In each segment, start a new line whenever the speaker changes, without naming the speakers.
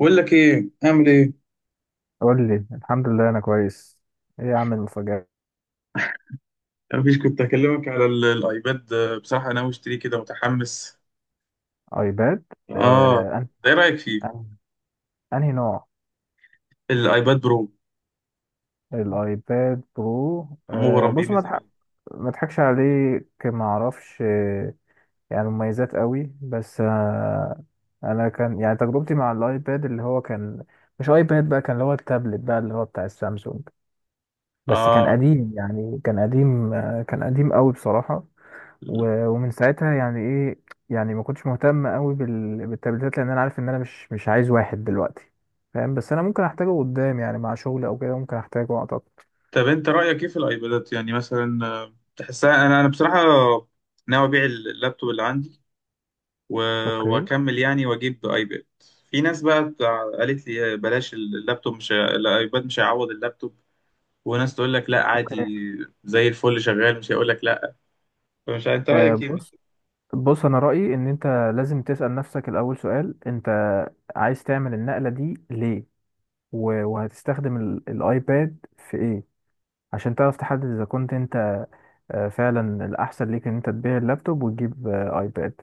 بقول لك ايه، اعمل ايه.
قول لي الحمد لله انا كويس. ايه يا عم المفاجأة؟
مفيش، كنت هكلمك على الايباد. بصراحه ناوي اشتريه، كده متحمس.
ايباد.
اه.
آه أن...
ايه رايك فيه؟
أن... انهي نوع؟
الايباد برو.
الايباد برو.
مغرم بيه
بص،
من زمان.
ما اضحكش عليك، ما اعرفش. يعني مميزات قوي، بس انا كان يعني تجربتي مع الايباد اللي هو كان، مش ايباد بقى، كان اللي هو التابلت بقى اللي هو بتاع السامسونج، بس كان
اه.
قديم، يعني كان قديم، كان قديم قوي بصراحة. ومن ساعتها يعني ايه، يعني ما كنتش مهتم قوي بالتبديلات، لان انا عارف ان انا مش عايز واحد دلوقتي، فاهم؟ بس انا ممكن احتاجه قدام، يعني مع شغل او كده ممكن احتاجه اعتقد.
طب انت رايك ايه في الايبادات، يعني مثلا، تحسها؟ انا بصراحه ناوي ابيع اللابتوب اللي عندي و-
اوكي،
واكمل يعني واجيب ايباد. في ناس بقى قالت لي بلاش اللابتوب، مش هي- الايباد مش هيعوض اللابتوب. وناس تقول لك لا
اوكي.
عادي، زي الفل شغال، مش هيقول لك لا. انت رايك ايه؟
بص، بص انا رايي ان انت لازم تسال نفسك الاول سؤال: انت عايز تعمل النقله دي ليه، وهتستخدم الايباد في ايه، عشان تعرف تحدد اذا كنت انت فعلا الاحسن ليك ان انت تبيع اللابتوب وتجيب ايباد.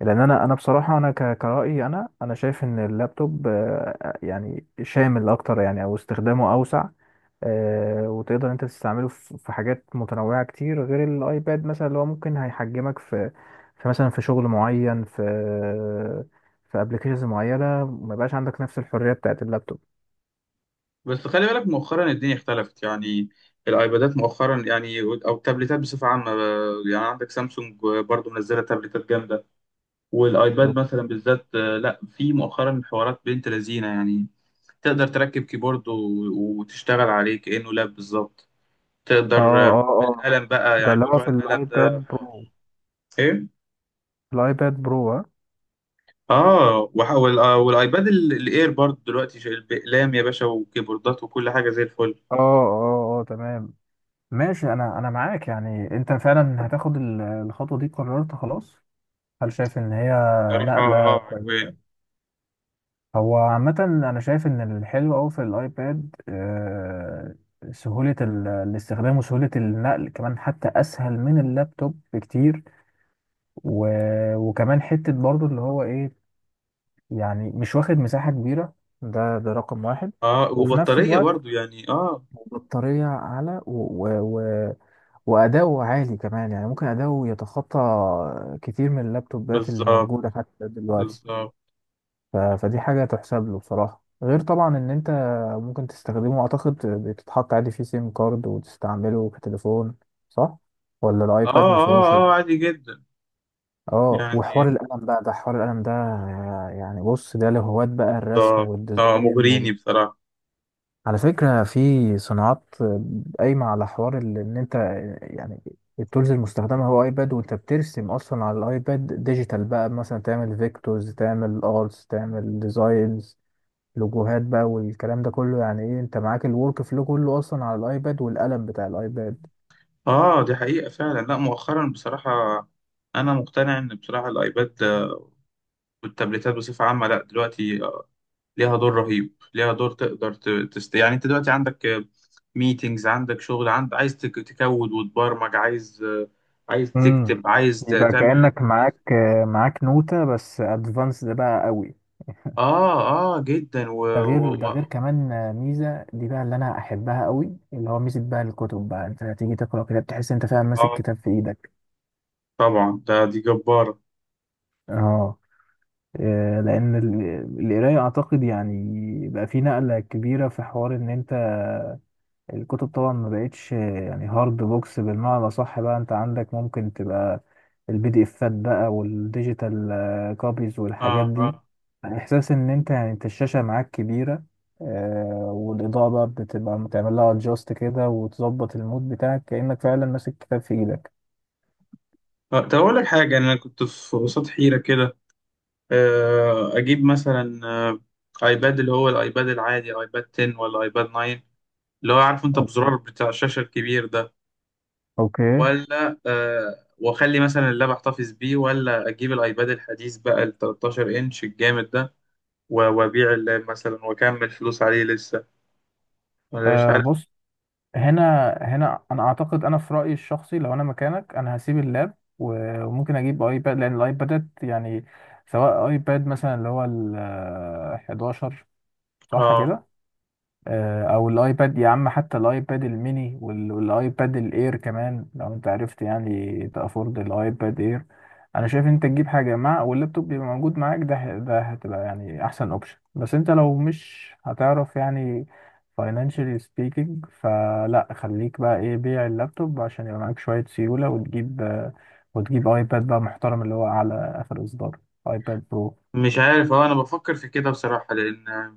لان انا بصراحه كرأيي انا شايف ان اللابتوب يعني شامل اكتر، يعني او استخدامه اوسع. وتقدر انت تستعمله في في حاجات متنوعه كتير غير الايباد، مثلا اللي هو ممكن هيحجمك في في مثلا في شغل معين، في في ابلكيشنز معينه ما يبقاش عندك نفس الحريه بتاعت اللابتوب.
بس خلي بالك، مؤخرا الدنيا اختلفت يعني. الايبادات مؤخرا يعني، او التابلتات بصفه عامه، يعني عندك سامسونج برضو منزله تابلتات جامده. والايباد مثلا
أوكي.
بالذات، لا، في مؤخرا حوارات بنت لذينه يعني. تقدر تركب كيبورد وتشتغل عليه كانه لاب بالظبط.
اه
تقدر.
اه اه.
القلم بقى،
ده
يعني
اللي هو
موضوع
في
القلم
الايباد
ده حوار.
برو.
ايه.
الايباد برو، ها؟
اه، والايباد الاير برضو دلوقتي شايل بأقلام يا باشا، وكيبوردات وكل حاجه زي الفل.
اه اه اه، تمام. ماشي، انا معاك. يعني انت فعلا هتاخد الخطوه دي، قررت خلاص؟ هل شايف ان هي
صراحه
نقله
اه، عجباني.
كويسه؟ هو عامه انا شايف ان الحلو قوي في الايباد سهوله الاستخدام وسهوله النقل، كمان حتى اسهل من اللابتوب بكتير. وكمان حته برضو اللي هو ايه، يعني مش واخد مساحه كبيره، ده ده رقم واحد.
اه،
وفي نفس
وبطارية
الوقت
برضو يعني. اه.
بطاريه اعلى، وأداؤه عالي كمان. يعني ممكن أداؤه يتخطى كتير من اللابتوبات اللي
بالظبط،
موجودة حتى دلوقتي.
بالظبط.
فدي حاجة تحسب له بصراحة. غير طبعا إن أنت ممكن تستخدمه، أعتقد بتتحط عادي فيه سيم كارد وتستعمله كتليفون، صح؟ ولا الأيباد
اه،
ما
اه،
فيهوش إيه؟
اه، عادي جدا.
اه، وحوار
يعني.
القلم بقى، ده حوار القلم ده يعني. بص، ده لهواة بقى الرسم
بالظبط. اه،
والديزاين.
مغريني بصراحة.
على فكرة في صناعات قايمة على حوار إن أنت يعني التولز المستخدمة هو أيباد، وأنت بترسم أصلا على الأيباد ديجيتال بقى، مثلا تعمل فيكتورز، تعمل أرتس، تعمل ديزاينز، لوجوهات بقى والكلام ده كله، يعني إيه، أنت معاك الورك فلو كله أصلا على الأيباد والقلم بتاع الأيباد.
اه، دي حقيقة فعلا. لا، مؤخرا بصراحة انا مقتنع ان بصراحة الايباد والتابلتات بصفة عامة، لا دلوقتي ليها دور رهيب، ليها دور تقدر تست يعني، انت دلوقتي عندك ميتينجز، عندك شغل، عند عايز تكود وتبرمج، عايز
امم،
تكتب، عايز
يبقى
تعمل اللي انت
كأنك
عايزه.
معاك معاك نوتة بس ادفانسد بقى قوي.
اه، اه جدا.
ده غير، ده غير كمان ميزه دي بقى اللي انا احبها قوي، اللي هو ميزه بقى الكتب بقى، انت تيجي تقرا كده بتحس انت فعلا ماسك
اه،
كتاب في ايدك.
طبعا، دي جبارة.
اه، لان القرايه اعتقد يعني بقى في نقله كبيره، في حوار ان انت الكتب طبعا ما بقتش يعني هارد بوكس بالمعنى الأصح بقى، انت عندك ممكن تبقى البي دي افات بقى والديجيتال كوبيز والحاجات
اه،
دي.
اه.
احساس ان انت، يعني انت الشاشة معاك كبيرة، آه، والاضاءة بقى بتبقى بتعمل لها ادجاست كده وتظبط المود بتاعك كأنك فعلا ماسك كتاب في ايدك.
طب أقول لك حاجة، أنا كنت في قصاد حيرة كده. أجيب مثلا أيباد اللي هو الأيباد العادي، أيباد 10 ولا أيباد 9، اللي هو عارف أنت
اوكي،
بزرار بتاع الشاشة الكبير ده.
اوكي.
ولا، وأخلي مثلا اللاب أحتفظ بيه، ولا أجيب الأيباد الحديث بقى ال 13 إنش الجامد ده وأبيع اللاب مثلا وأكمل فلوس عليه لسه، ولا مش عارف.
بص، هنا هنا انا اعتقد، انا في رايي الشخصي لو انا مكانك انا هسيب اللاب، وممكن اجيب ايباد. لان الايبادات يعني سواء ايباد مثلا اللي هو ال 11، صح
اه.
كده؟ او الايباد يا عم، حتى الايباد الميني والايباد الاير كمان، لو انت عرفت يعني تافورد الايباد اير، انا شايف انت تجيب حاجه مع واللابتوب يبقى موجود معاك، ده ده هتبقى يعني احسن اوبشن. بس انت لو مش هتعرف يعني financially speaking، فلا، خليك بقى ايه، بيع اللابتوب عشان يبقى معاك شويه سيوله، وتجيب ايباد بقى محترم اللي هو على اخر اصدار، ايباد برو.
مش عارف، اه انا بفكر في كده بصراحة، لان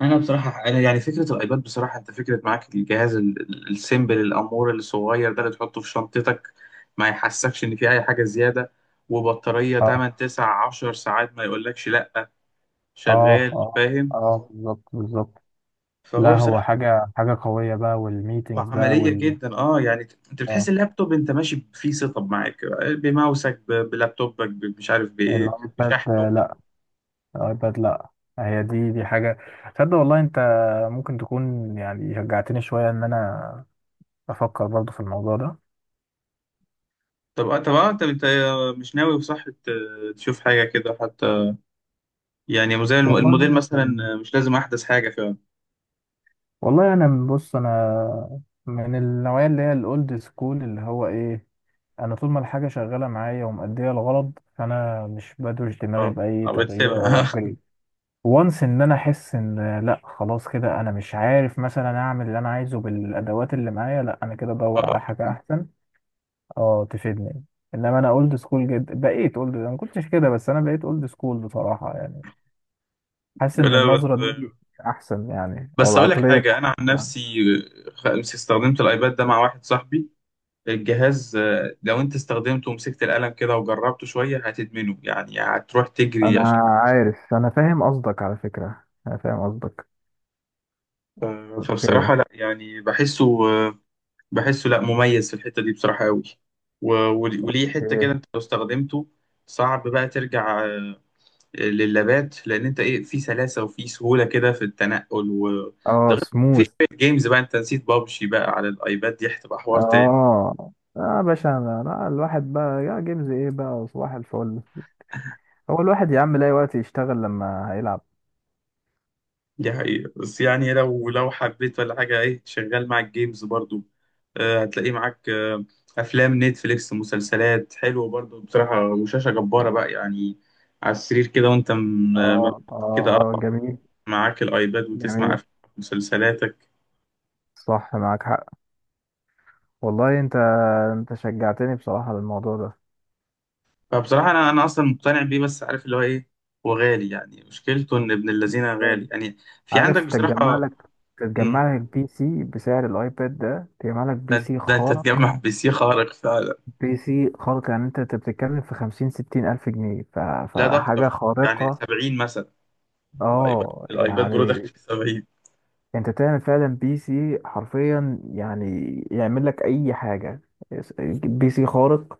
انا بصراحه انا يعني فكره الايباد بصراحه، انت فكره معاك الجهاز السيمبل، الامور الصغير ده اللي تحطه في شنطتك، ما يحسكش ان في اي حاجه زياده. وبطاريه
اه
8 9 10 ساعات ما يقولكش لا.
اه
شغال،
اه،
فاهم.
اه بالظبط بالظبط.
فهو
لا هو
بصراحه،
حاجة، حاجة قوية بقى، والميتينجز بقى
وعمليه
وال
جدا. اه يعني، انت بتحس
اه.
اللابتوب انت ماشي فيه سيت اب معاك، بماوسك، بلابتوبك، مش عارف بايه،
الايباد
بشحنه.
لا، الايباد لا. هي دي دي حاجة. تصدق والله انت ممكن تكون يعني شجعتني شوية ان انا افكر برضو في الموضوع ده.
طب اه، انت مش ناوي بصح تشوف حاجه كده حتى، يعني زي الموديل
والله،
مثلا، مش لازم احدث حاجه.
والله انا، بص انا من النوعية اللي هي الاولد سكول، اللي هو ايه، انا طول ما الحاجة شغالة معايا ومأدية الغرض فانا مش بدوش دماغي
اه،
بأي
أو
تغيير او
بتسيبها.
upgrade. وانس ان انا احس ان لا خلاص كده، انا مش عارف مثلا اعمل اللي انا عايزه بالادوات اللي معايا، لا انا كده ادور على
اه.
حاجه احسن، اه تفيدني. انما انا اولد سكول جدا، بقيت اولد، انا ما كنتش كده بس انا بقيت اولد سكول بصراحه. يعني حاسس ان
لا
النظره
بس،
دي احسن، يعني او
بس اقول لك
العقليه دي
حاجه، انا عن
أحسن.
نفسي استخدمت الايباد ده مع واحد صاحبي. الجهاز، لو انت استخدمته ومسكت القلم كده وجربته شويه هتدمنه، يعني هتروح تجري
انا
عشان.
عارف، انا فاهم قصدك، على فكره انا فاهم قصدك.
ف- فبصراحه
اوكي،
لا يعني، بحسه لا، مميز في الحته دي بصراحه قوي. و- وليه حته كده،
اوكي.
انت لو استخدمته صعب بقى ترجع للابات، لان انت ايه، في سلاسه وفي سهوله كده في التنقل. و ده
اه
غير في
سموث.
شويه جيمز بقى، انت نسيت بابجي بقى على الايباد، دي هتبقى حوار تاني.
اه اه يا باشا، انا لا، الواحد بقى يا جيمز ايه بقى، صباح الفل. هو الواحد يا عم لاقي وقت يشتغل لما هيلعب.
دي حقيقة، بس يعني لو حبيت ولا حاجة، ايه، شغال معاك جيمز برضو. آه هتلاقيه معاك، آه. أفلام نتفليكس، مسلسلات حلوة برضو بصراحة، وشاشة جبارة
مم.
بقى يعني، على السرير كده، وانت
اه
كده اه،
اه اه، جميل.
معاك الأيباد وتسمع
جميل،
أفلام مسلسلاتك.
صح، معاك حق. والله انت، انت شجعتني بصراحة للموضوع ده.
فبصراحة أنا أصلا مقتنع بيه، بس عارف اللي هو إيه، وغالي يعني، مشكلته إن ابن الذين غالي
يعني
يعني، في عندك
عارف، تتجمع
بصراحة.
لك،
مم،
تتجمع لك بي سي بسعر الايباد ده، تجمع لك بي
ده,
سي
ده أنت
خارق.
تجمع بي سي خارق فعلا.
بي سي خارق، يعني انت بتتكلم في خمسين ستين الف جنيه،
لا، ده
فحاجة
أكتر، يعني
خارقة.
70 مثلا. الأيباد
اه
الأيباد برو داخل
يعني،
في 70.
انت تعمل فعلا بي سي حرفيا يعني يعمل لك اي حاجة، بي سي خارق.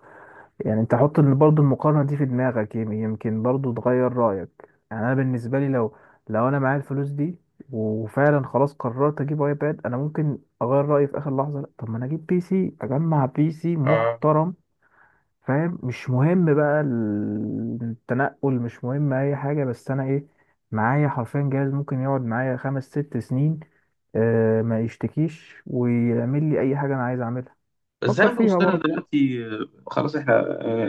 يعني انت حط برضو المقارنة دي في دماغك، يمكن برضو تغير رأيك. يعني انا بالنسبة لي لو، لو انا معايا الفلوس دي وفعلا خلاص قررت اجيب ايباد، انا ممكن اغير رأيي في اخر لحظة، لا طب ما انا اجيب بي سي، اجمع بي سي
آه
محترم، فاهم؟ مش مهم بقى التنقل، مش مهم اي حاجة، بس انا ايه، معايا حرفيا جهاز ممكن يقعد معايا خمس ست سنين آه، ما يشتكيش ويعمل لي اي حاجة انا عايز اعملها.
بس
فكر
أنا
فيها
ببصلها
برضه.
دلوقتي. خلاص إحنا،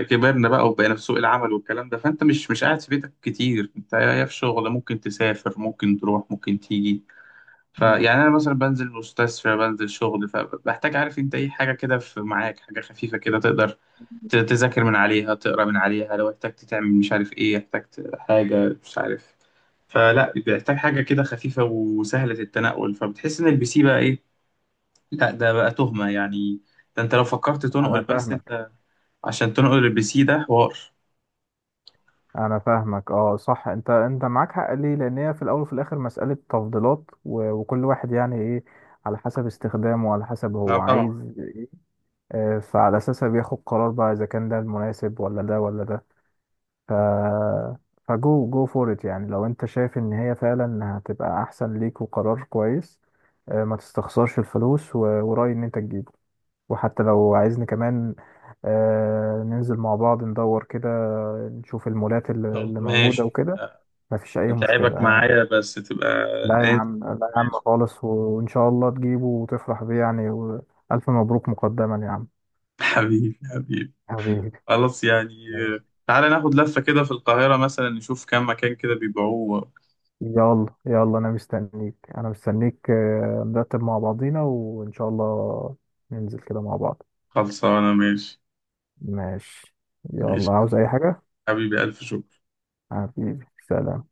كبرنا بقى وبقينا في سوق العمل والكلام ده، فأنت مش قاعد في بيتك كتير، أنت يا في شغل، ممكن تسافر، ممكن تروح، ممكن تيجي. فيعني انا مثلا بنزل مستشفى، بنزل شغل، فبحتاج، عارف انت، اي حاجه كده، في معاك حاجه خفيفه كده تقدر تذاكر من عليها، تقرا من عليها، لو احتجت تعمل مش عارف ايه، احتجت حاجه، مش عارف. فلا، بيحتاج حاجه كده خفيفه وسهله التنقل، فبتحس ان البي سي بقى ايه، لا ده بقى تهمه يعني. ده انت لو فكرت
انا
تنقل، بس
فاهمك
انت عشان تنقل البي سي ده حوار.
انا فاهمك اه صح، انت معاك حق. ليه؟ لان هي في الاول وفي الاخر مسألة تفضيلات، وكل واحد يعني ايه، على حسب استخدامه وعلى حسب
لا
هو
طبعا.
عايز ايه. فعلى اساسها بياخد قرار بقى اذا كان ده المناسب ولا ده ولا ده. ف فجو جو فور ات، يعني لو انت شايف ان هي فعلا هتبقى احسن ليك وقرار كويس، ما تستخسرش الفلوس، ورأيي ان انت تجيبه. وحتى لو عايزني كمان ننزل مع بعض ندور كده، نشوف المولات اللي
يلا،
اللي موجودة
ماشي.
وكده، ما فيش اي مشكله.
اتعبك معايا بس تبقى.
لا يا
ماشي.
عم، لا يا عم خالص. وان شاء الله تجيبه وتفرح بيه، يعني والف مبروك مقدما يا عم.
حبيبي، حبيبي.
حبيبي.
خلاص يعني.
ماشي.
تعالى ناخد لفة كده في القاهرة مثلا، نشوف كام مكان كده بيبيعوه.
يلا يلا، انا مستنيك نرتب مع بعضينا وان شاء الله ننزل كده مع بعض.
خلصانة، ماشي.
ماشي.
ماشي
يلا،
يا
عاوز
حبيبي.
اي حاجه؟
حبيبي، ألف شكر.
حبيبي، سلام.